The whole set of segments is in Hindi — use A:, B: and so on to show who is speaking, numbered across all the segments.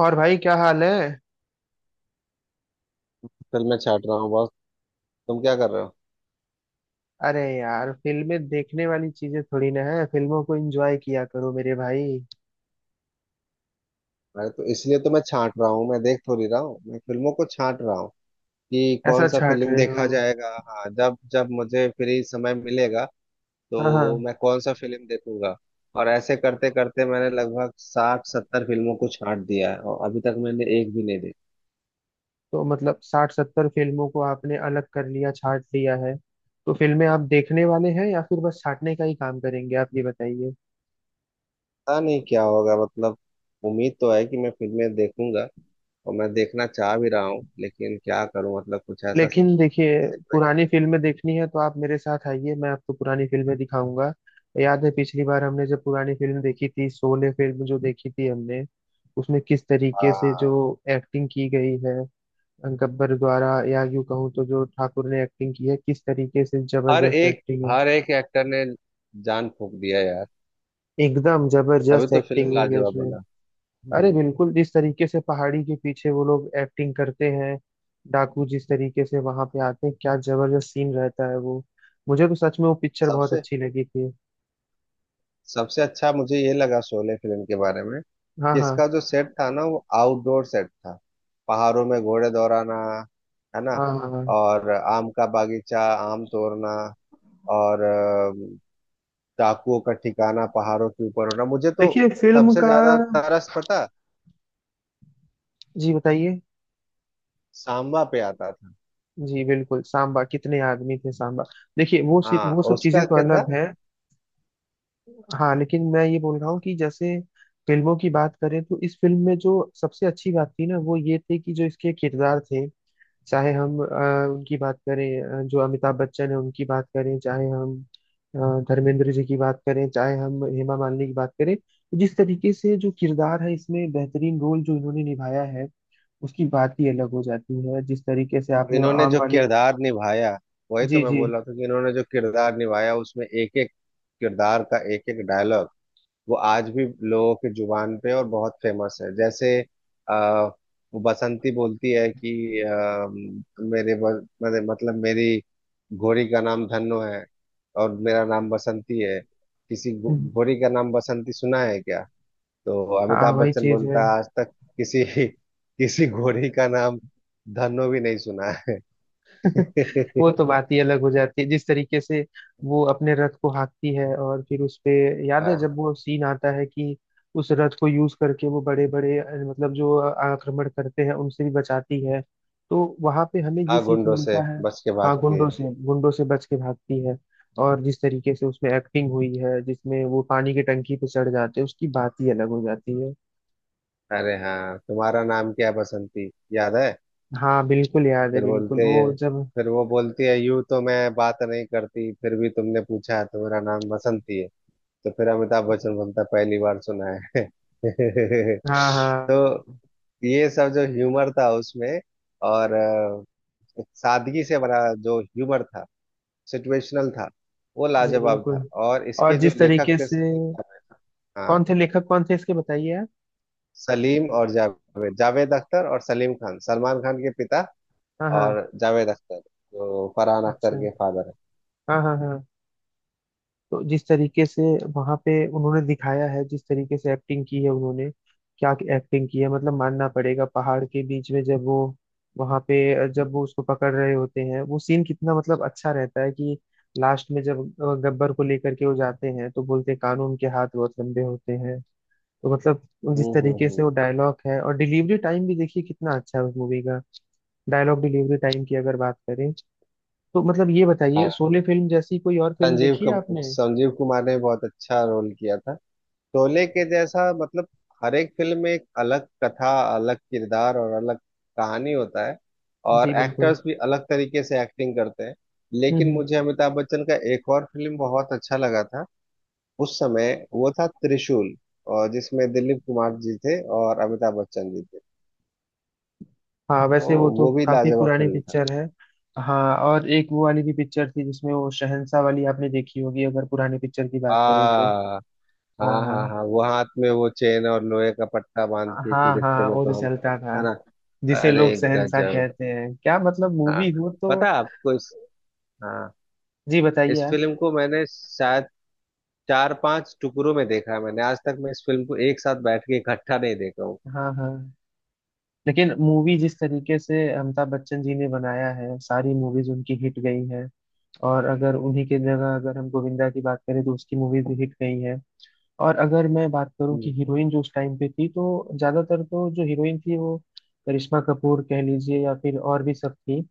A: और भाई क्या हाल है?
B: फिर मैं छाट रहा हूँ बस। तुम क्या कर रहे हो?
A: अरे यार, फिल्में देखने वाली चीजें थोड़ी ना है। फिल्मों को एंजॉय किया करो मेरे भाई।
B: अरे, तो इसलिए तो मैं छाट रहा हूँ। मैं देख थोड़ी रहा हूँ, मैं फिल्मों को छाट रहा हूँ कि कौन
A: ऐसा
B: सा
A: छाट
B: फिल्म
A: रहे
B: देखा
A: हो?
B: जाएगा। हाँ, जब जब मुझे फ्री समय मिलेगा
A: हाँ
B: तो
A: हाँ।
B: मैं कौन सा फिल्म देखूंगा। और ऐसे करते करते मैंने लगभग 60-70 फिल्मों को छाट दिया है और अभी तक मैंने एक भी नहीं देखी।
A: तो मतलब 60-70 फिल्मों को आपने अलग कर लिया, छाट लिया है? तो फिल्में आप देखने वाले हैं या फिर बस छाटने का ही काम करेंगे आप, ये बताइए।
B: पता नहीं क्या होगा। मतलब उम्मीद तो है कि मैं फिल्में देखूंगा और मैं देखना चाह भी रहा हूँ, लेकिन क्या करूँ? मतलब कुछ ऐसा
A: लेकिन देखिए,
B: सिचुएशन
A: पुरानी
B: नहीं
A: फिल्में देखनी है तो आप मेरे साथ आइए, मैं आपको पुरानी फिल्में दिखाऊंगा। याद है पिछली बार हमने जब पुरानी फिल्म देखी थी, शोले फिल्म जो देखी थी हमने, उसमें किस तरीके से जो
B: हुआ।
A: एक्टिंग की गई है गब्बर द्वारा, या यूं कहूँ तो जो ठाकुर ने एक्टिंग की है, किस तरीके से
B: हर
A: जबरदस्त
B: एक
A: एक्टिंग है।
B: हर एक एक्टर ने जान फूंक दिया यार।
A: एकदम
B: तभी
A: जबरदस्त
B: तो
A: एक्टिंग
B: फिल्म
A: हुई है
B: लाजवाब
A: उसमें।
B: बना।
A: अरे
B: हम्म।
A: बिल्कुल, जिस तरीके से पहाड़ी के पीछे वो लोग एक्टिंग करते हैं, डाकू जिस तरीके से वहां पे आते हैं, क्या जबरदस्त सीन रहता है वो। मुझे तो सच में वो पिक्चर बहुत
B: सबसे
A: अच्छी लगी थी।
B: सबसे अच्छा मुझे ये लगा शोले फिल्म के बारे में
A: हाँ
B: कि
A: हाँ
B: इसका जो सेट था ना, वो आउटडोर सेट था। पहाड़ों में घोड़े दौड़ाना, है ना।
A: हाँ हाँ हाँ।
B: और आम का बागीचा, आम तोड़ना। और डाकुओं का ठिकाना पहाड़ों के ऊपर होना, मुझे तो
A: देखिए फिल्म
B: सबसे
A: का।
B: ज्यादा तरस पता
A: जी बताइए।
B: सांबा पे आता था।
A: जी बिल्कुल, सांबा कितने आदमी थे सांबा। देखिए वो सिर्फ
B: हाँ,
A: वो सब चीजें
B: उसका
A: तो
B: क्या था।
A: अलग है। हाँ, लेकिन मैं ये बोल रहा हूँ कि जैसे फिल्मों की बात करें तो इस फिल्म में जो सबसे अच्छी बात थी ना, वो ये थी कि जो इसके किरदार थे, चाहे हम उनकी बात करें, जो अमिताभ बच्चन है उनकी बात करें, चाहे हम अ, धर्मेंद्र जी की बात करें, चाहे हम हेमा मालिनी की बात करें, तो जिस तरीके से जो किरदार है इसमें बेहतरीन रोल जो इन्होंने निभाया है उसकी बात ही अलग हो जाती है। जिस तरीके से आपने वो
B: इन्होंने
A: आम
B: जो
A: वाली।
B: किरदार निभाया, वही तो
A: जी
B: मैं
A: जी।
B: बोल रहा था कि इन्होंने जो किरदार निभाया, उसमें एक एक किरदार का एक एक डायलॉग वो आज भी लोगों की जुबान पे और बहुत फेमस है। जैसे आ, वो बसंती बोलती है कि मेरे ब- मेरे- मतलब मेरी घोड़ी का नाम धन्नो है और मेरा नाम बसंती है। किसी
A: हम्म,
B: घोड़ी का नाम बसंती सुना है क्या? तो
A: हाँ
B: अमिताभ
A: वही
B: बच्चन
A: चीज है।
B: बोलता है, आज तक किसी किसी घोड़ी का नाम धन्नो भी नहीं सुना है। हाँ
A: वो तो बात ही अलग हो जाती है, जिस तरीके से वो अपने रथ को हाँकती है और फिर उस पे, याद है जब वो सीन आता है कि उस रथ को यूज करके वो बड़े बड़े, मतलब जो आक्रमण करते हैं उनसे भी बचाती है, तो वहां पे हमें ये
B: हाँ,
A: सीख
B: गुंडों से
A: मिलता है।
B: बच के
A: हाँ,
B: भागती है।
A: गुंडों से बच के भागती है, और जिस तरीके से उसमें एक्टिंग हुई है जिसमें वो पानी की टंकी पे चढ़ जाते हैं उसकी बात ही अलग हो जाती है।
B: अरे हाँ, तुम्हारा नाम क्या है बसंती, याद है।
A: हाँ बिल्कुल याद है,
B: फिर
A: बिल्कुल
B: बोलते
A: वो
B: हैं,
A: जब।
B: फिर वो बोलती है, यूं तो मैं बात नहीं करती फिर भी तुमने पूछा है तो मेरा नाम बसंती है। तो फिर अमिताभ बच्चन बोलता है, पहली बार सुना है।
A: हाँ हाँ।
B: तो ये सब जो ह्यूमर था उसमें और सादगी से भरा जो ह्यूमर था, सिचुएशनल था, वो
A: जी
B: लाजवाब था।
A: बिल्कुल।
B: और इसके
A: और
B: जो
A: जिस
B: लेखक
A: तरीके
B: थे
A: से,
B: सलीम, हाँ,
A: कौन थे लेखक, कौन थे इसके बताइए आप।
B: सलीम और जावेद। जावेद अख्तर और सलीम खान, सलमान खान के पिता।
A: हाँ हाँ।
B: और जावेद अख्तर, जो फरहान अख्तर
A: अच्छा।
B: के फादर है।
A: हाँ हाँ हाँ। तो जिस तरीके से वहां पे उन्होंने दिखाया है, जिस तरीके से एक्टिंग की है उन्होंने, क्या एक्टिंग की है, मतलब मानना पड़ेगा। पहाड़ के बीच में जब वो, वहां पे जब वो उसको पकड़ रहे होते हैं, वो सीन कितना मतलब अच्छा रहता है कि लास्ट में जब गब्बर को लेकर के वो जाते हैं तो बोलते हैं, कानून के हाथ बहुत लंबे होते हैं। तो मतलब जिस
B: हम्म हम्म
A: तरीके
B: हम्म।
A: से वो डायलॉग है, और डिलीवरी टाइम भी देखिए कितना अच्छा है उस मूवी का, डायलॉग डिलीवरी टाइम की अगर बात करें, तो मतलब ये बताइए
B: हाँ,
A: शोले फिल्म जैसी कोई और फिल्म देखी है आपने?
B: संजीव कुमार ने बहुत अच्छा रोल किया था। शोले के जैसा मतलब हर एक फिल्म में एक अलग कथा, अलग किरदार और अलग कहानी होता है। और
A: जी बिल्कुल।
B: एक्टर्स भी अलग तरीके से एक्टिंग करते हैं। लेकिन
A: हम्म।
B: मुझे अमिताभ बच्चन का एक और फिल्म बहुत अच्छा लगा था। उस समय वो था त्रिशूल, और जिसमें दिलीप कुमार जी थे और अमिताभ बच्चन जी थे।
A: हाँ
B: तो
A: वैसे वो तो
B: वो भी
A: काफी
B: लाजवाब
A: पुरानी
B: फिल्म था।
A: पिक्चर है। हाँ और एक वो वाली भी पिक्चर थी जिसमें वो शहंशाह वाली आपने देखी होगी, अगर पुरानी पिक्चर की
B: आ,
A: बात करें तो।
B: हाँ
A: हाँ
B: हाँ हाँ, वो हाथ में वो चेन और लोहे का पट्टा बांध
A: हाँ
B: के कि
A: हाँ
B: रिश्ते
A: हाँ
B: में
A: वो
B: तो
A: जो
B: हम,
A: चलता था,
B: है ना।
A: जिसे लोग
B: अरे
A: शहंशाह
B: गजब।
A: कहते हैं, क्या मतलब
B: हाँ,
A: मूवी हो तो।
B: पता है आपको इस, हाँ,
A: जी बताइए
B: इस
A: आप।
B: फिल्म को मैंने शायद चार पांच टुकड़ों में देखा है। मैंने आज तक मैं इस फिल्म को एक साथ बैठ के इकट्ठा नहीं देखा हूँ।
A: हाँ हाँ। लेकिन मूवी जिस तरीके से अमिताभ बच्चन जी ने बनाया है, सारी मूवीज उनकी हिट गई हैं। और अगर उन्हीं के जगह अगर हम गोविंदा की बात करें तो उसकी मूवीज भी हिट गई हैं। और अगर मैं बात करूं कि हीरोइन जो उस टाइम पे थी तो ज्यादातर तो जो हीरोइन थी, वो करिश्मा कपूर कह लीजिए या फिर और भी सब थी।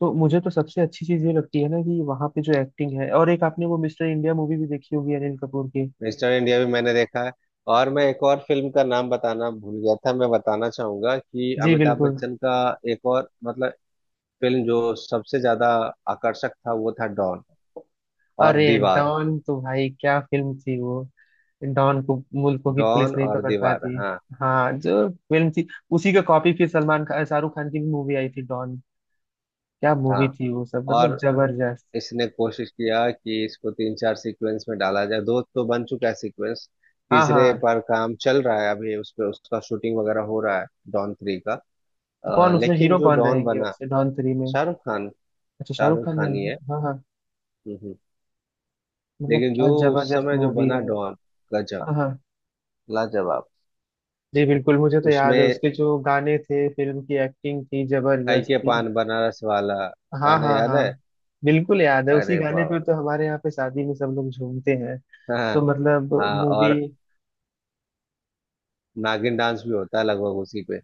A: तो मुझे तो सबसे अच्छी चीज ये लगती है ना कि वहाँ पे जो एक्टिंग है, और एक आपने वो मिस्टर इंडिया मूवी भी देखी होगी अनिल कपूर की।
B: मिस्टर इंडिया भी मैंने देखा है। और मैं एक और फिल्म का नाम बताना भूल गया था, मैं बताना चाहूंगा कि
A: जी
B: अमिताभ
A: बिल्कुल।
B: बच्चन का एक और मतलब फिल्म जो सबसे ज्यादा आकर्षक था वो था डॉन और
A: अरे
B: दीवार।
A: डॉन तो भाई क्या फिल्म थी वो। डॉन को मुल्कों की
B: डॉन
A: पुलिस नहीं
B: और
A: पकड़
B: दीवार,
A: पाती।
B: हाँ
A: हाँ जो फिल्म थी, उसी का कॉपी फिर सलमान खान शाहरुख खान की भी मूवी आई थी, डॉन। क्या मूवी
B: हाँ।
A: थी वो सब, मतलब
B: और
A: जबरदस्त।
B: इसने कोशिश किया कि इसको तीन चार सीक्वेंस में डाला जाए। दो तो बन चुका है सीक्वेंस,
A: हाँ
B: तीसरे
A: हाँ।
B: पर काम चल रहा है अभी, उस पर उसका शूटिंग वगैरह हो रहा है। डॉन थ्री का।
A: कौन उसमें
B: लेकिन
A: हीरो
B: जो
A: कौन
B: डॉन
A: रहेंगे
B: बना,
A: वैसे डॉन 3 में?
B: शाहरुख खान।
A: अच्छा शाहरुख
B: शाहरुख
A: खान
B: खान ही
A: रहेंगे,
B: है।
A: हाँ हाँ।
B: हम्म, हम्म।
A: मतलब
B: लेकिन
A: क्या
B: जो उस
A: जबरदस्त
B: समय जो
A: मूवी
B: बना
A: है।
B: डॉन, गजब,
A: हाँ हाँ।
B: लाजवाब।
A: जी बिल्कुल मुझे तो याद है
B: उसमें
A: उसके जो गाने थे, फिल्म की एक्टिंग थी,
B: काई
A: जबरदस्त
B: के
A: थी।
B: पान बनारस वाला
A: हाँ
B: गाना
A: हाँ
B: याद
A: हाँ।
B: है।
A: बिल्कुल याद है, उसी
B: अरे
A: गाने
B: वाह।
A: पे तो हमारे यहाँ पे शादी में सब लोग झूमते हैं। तो
B: हाँ
A: मतलब
B: हाँ,
A: मूवी।
B: और नागिन डांस भी होता है लगभग उसी पे।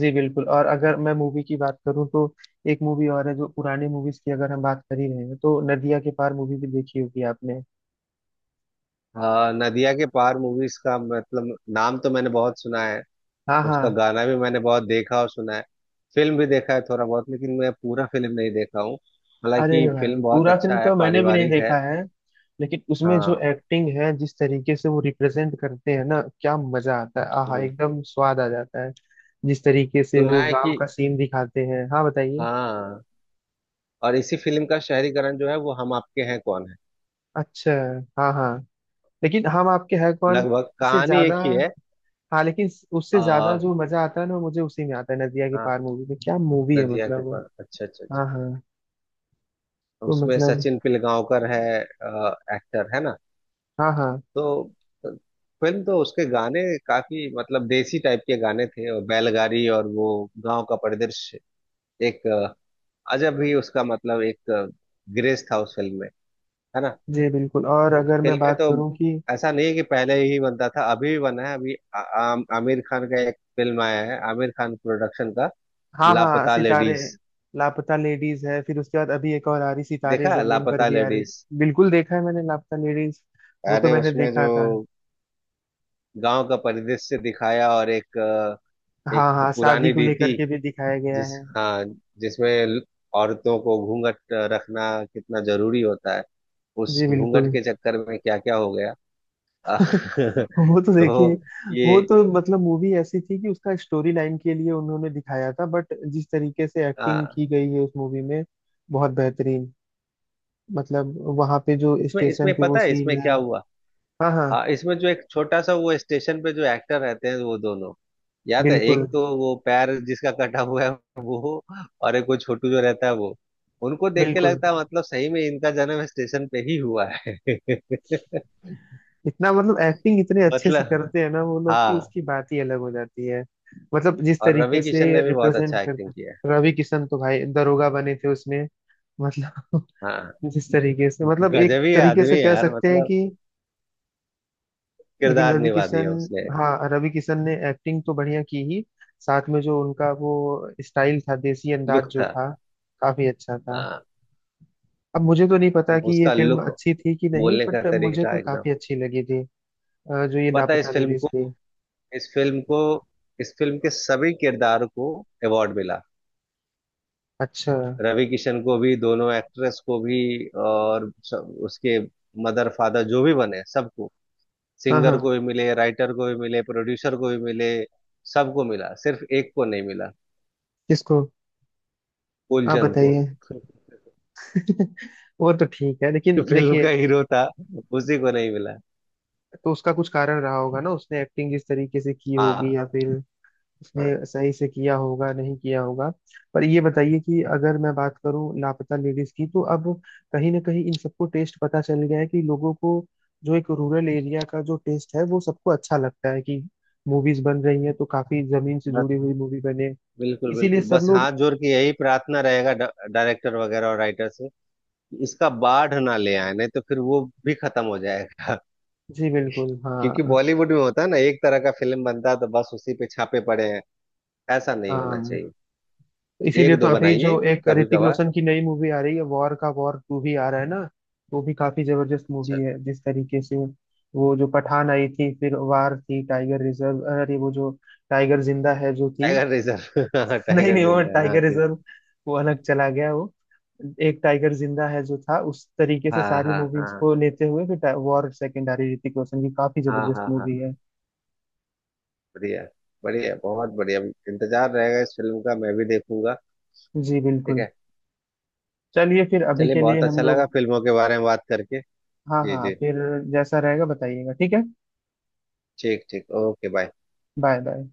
A: जी बिल्कुल। और अगर मैं मूवी की बात करूँ तो एक मूवी और है, जो पुराने मूवीज की अगर हम बात कर ही रहे हैं तो, नदिया के पार मूवी भी देखी होगी आपने।
B: हाँ, नदिया के पार मूवीज का मतलब नाम तो मैंने बहुत सुना है।
A: हाँ
B: उसका
A: हाँ।
B: गाना भी मैंने बहुत देखा और सुना है। फिल्म भी देखा है थोड़ा बहुत, लेकिन मैं पूरा फिल्म नहीं देखा हूँ।
A: अरे
B: हालांकि
A: भाई
B: फिल्म बहुत
A: पूरा फिल्म
B: अच्छा है,
A: तो मैंने भी नहीं
B: पारिवारिक
A: देखा
B: है।
A: है, लेकिन उसमें जो
B: हाँ।
A: एक्टिंग है, जिस तरीके से वो रिप्रेजेंट करते हैं ना, क्या मजा आता है, आहा
B: हम्म।
A: एकदम स्वाद आ जाता है। जिस तरीके से
B: सुना
A: वो
B: है
A: गांव
B: कि,
A: का सीन दिखाते हैं। हाँ बताइए।
B: हाँ, और इसी फिल्म का शहरीकरण जो है वो हम आपके हैं कौन है।
A: अच्छा। हाँ हाँ। लेकिन हम आपके है कौन
B: लगभग
A: से
B: कहानी
A: ज्यादा,
B: एक ही है।
A: हाँ लेकिन उससे ज्यादा
B: आ,
A: जो मजा आता है ना, वो मुझे उसी में आता है, नदिया के
B: हाँ,
A: पार मूवी में। क्या मूवी है
B: नदिया के
A: मतलब वो।
B: पार। अच्छा अच्छा अच्छा।
A: हाँ हाँ। तो
B: उसमें
A: मतलब।
B: सचिन पिलगांवकर है, एक्टर है ना।
A: हाँ हाँ।
B: तो तो फिल्म तो, उसके गाने काफी मतलब देसी टाइप के गाने थे और बैलगाड़ी और वो गांव का परिदृश्य, एक अ, अजब ही उसका मतलब एक ग्रेस था उस फिल्म में, है ना।
A: जी बिल्कुल। और
B: तो
A: अगर मैं
B: फिल्में
A: बात
B: तो
A: करूँ कि,
B: ऐसा नहीं है कि पहले ही बनता था अभी भी बना है। अभी आमिर खान का एक फिल्म आया है आमिर खान प्रोडक्शन का,
A: हाँ हाँ
B: लापता
A: सितारे,
B: लेडीज।
A: लापता लेडीज है, फिर उसके बाद अभी एक और आ रही, सितारे
B: देखा है
A: जमीन पर
B: लापता
A: भी आ रही।
B: लेडीज।
A: बिल्कुल देखा है मैंने लापता लेडीज, वो तो
B: अरे,
A: मैंने
B: उसमें जो
A: देखा था।
B: गांव का परिदृश्य दिखाया, और एक
A: हाँ हाँ शादी
B: पुरानी
A: को लेकर
B: रीति,
A: के भी दिखाया गया
B: जिस,
A: है।
B: हाँ, जिसमें औरतों को घूंघट रखना कितना जरूरी होता है, उस
A: जी
B: घूंघट
A: बिल्कुल।
B: के चक्कर में क्या क्या हो गया।
A: वो तो देखिए,
B: तो ये।
A: वो तो मतलब मूवी ऐसी थी कि उसका स्टोरी लाइन के लिए उन्होंने दिखाया था, बट जिस तरीके से एक्टिंग
B: आ,
A: की गई है उस मूवी में बहुत बेहतरीन। मतलब वहां पे जो
B: इसमें
A: स्टेशन
B: इसमें
A: पे वो
B: पता है
A: सीन
B: इसमें
A: है।
B: क्या हुआ।
A: हाँ हाँ।
B: हाँ, इसमें जो एक छोटा सा वो स्टेशन पे जो एक्टर रहते हैं वो दोनों, याद है,
A: बिल्कुल
B: एक तो वो पैर जिसका कटा हुआ है वो, और एक वो छोटू जो रहता है वो, उनको देख के
A: बिल्कुल।
B: लगता है मतलब सही में इनका जन्म स्टेशन पे ही हुआ है।
A: इतना मतलब एक्टिंग इतने अच्छे से
B: मतलब,
A: करते हैं ना वो लोग कि
B: हाँ,
A: उसकी बात ही अलग हो जाती है। मतलब जिस
B: और रवि
A: तरीके
B: किशन
A: से
B: ने भी बहुत
A: रिप्रेजेंट
B: अच्छा एक्टिंग
A: करता।
B: किया है।
A: रवि किशन तो भाई दरोगा बने थे उसमें। मतलब
B: हाँ
A: जिस तरीके से मतलब एक
B: गजब ही
A: तरीके
B: आदमी
A: से
B: है
A: कह
B: यार,
A: सकते हैं
B: मतलब
A: कि, लेकिन
B: किरदार
A: रवि
B: निभा
A: किशन,
B: दिया उसने।
A: हाँ रवि किशन ने एक्टिंग तो बढ़िया की ही, साथ में जो उनका वो स्टाइल था, देसी अंदाज
B: लुक
A: जो
B: था।
A: था, काफी अच्छा था।
B: हाँ,
A: अब मुझे तो नहीं पता कि ये
B: उसका
A: फिल्म
B: लुक,
A: अच्छी थी कि नहीं,
B: बोलने का
A: बट मुझे
B: तरीका
A: तो
B: एकदम।
A: काफी अच्छी लगी थी। जो ये
B: पता है
A: लापता
B: इस फिल्म
A: लेडीज
B: को,
A: थी।
B: इस फिल्म को, इस फिल्म के सभी किरदार को अवार्ड मिला।
A: अच्छा।
B: रवि किशन को भी, दोनों एक्ट्रेस को भी, और उसके मदर फादर जो भी बने सबको,
A: हाँ
B: सिंगर
A: हाँ।
B: को भी मिले, राइटर को भी मिले, प्रोड्यूसर को भी मिले, सबको मिला, सिर्फ एक को नहीं मिला।
A: किसको? आप
B: कुलचंद को।
A: बताइए। वो तो ठीक है लेकिन
B: जो फिल्म का
A: देखिए,
B: हीरो था, उसी को नहीं मिला।
A: तो उसका कुछ कारण रहा होगा ना, उसने एक्टिंग जिस तरीके से की होगी
B: हाँ
A: या फिर उसने
B: हाँ।
A: सही से किया होगा, नहीं किया होगा। पर ये बताइए कि अगर मैं बात करूं लापता लेडीज की, तो अब कहीं ना कहीं इन सबको टेस्ट पता चल गया है कि लोगों को जो एक रूरल एरिया का जो टेस्ट है वो सबको अच्छा लगता है, कि मूवीज बन रही हैं तो काफी जमीन से
B: बस,
A: जुड़ी हुई मूवी बने,
B: बिल्कुल
A: इसीलिए
B: बिल्कुल,
A: सब
B: बस
A: लोग।
B: हाथ जोड़ के यही प्रार्थना रहेगा डायरेक्टर वगैरह और राइटर से कि इसका बाढ़ ना ले आए, नहीं तो फिर वो भी खत्म हो जाएगा।
A: जी बिल्कुल।
B: क्योंकि
A: हाँ
B: बॉलीवुड में होता है ना, एक तरह का फिल्म बनता है तो बस उसी पे छापे पड़े हैं। ऐसा नहीं होना
A: हाँ।
B: चाहिए।
A: इसीलिए
B: एक
A: तो
B: दो
A: अभी
B: बनाइए
A: जो एक
B: कभी
A: ऋतिक
B: कभार।
A: रोशन की नई मूवी आ रही है वॉर का, वॉर 2 भी आ रहा है ना, वो भी काफी जबरदस्त
B: अच्छा।
A: मूवी है, जिस तरीके से, वो जो पठान आई थी, फिर वार थी, टाइगर रिजर्व, अरे वो जो टाइगर जिंदा है जो थी,
B: टाइगर रिजर्व। हाँ,
A: नहीं
B: टाइगर
A: नहीं, वो
B: जिंदा है, हाँ
A: टाइगर
B: ठीक।
A: रिजर्व वो अलग चला गया वो, एक टाइगर जिंदा है जो था, उस तरीके से
B: हाँ
A: सारी
B: हाँ
A: मूवीज
B: हाँ,
A: को लेते हुए फिर वॉर सेकेंड आ रही है ऋतिक रोशन की, काफी
B: हाँ
A: जबरदस्त
B: हाँ हाँ,
A: मूवी है।
B: बढ़िया, बढ़िया बहुत बढ़िया। इंतजार रहेगा इस फिल्म का, मैं भी देखूंगा।
A: जी
B: ठीक
A: बिल्कुल।
B: है।
A: चलिए फिर अभी
B: चलिए,
A: के लिए
B: बहुत
A: हम
B: अच्छा
A: लोग,
B: लगा फिल्मों के बारे में बात करके।
A: हाँ
B: जी
A: हाँ
B: जी,
A: फिर जैसा रहेगा बताइएगा, ठीक है।
B: ठीक ठीक, ओके, बाय।
A: Bye bye.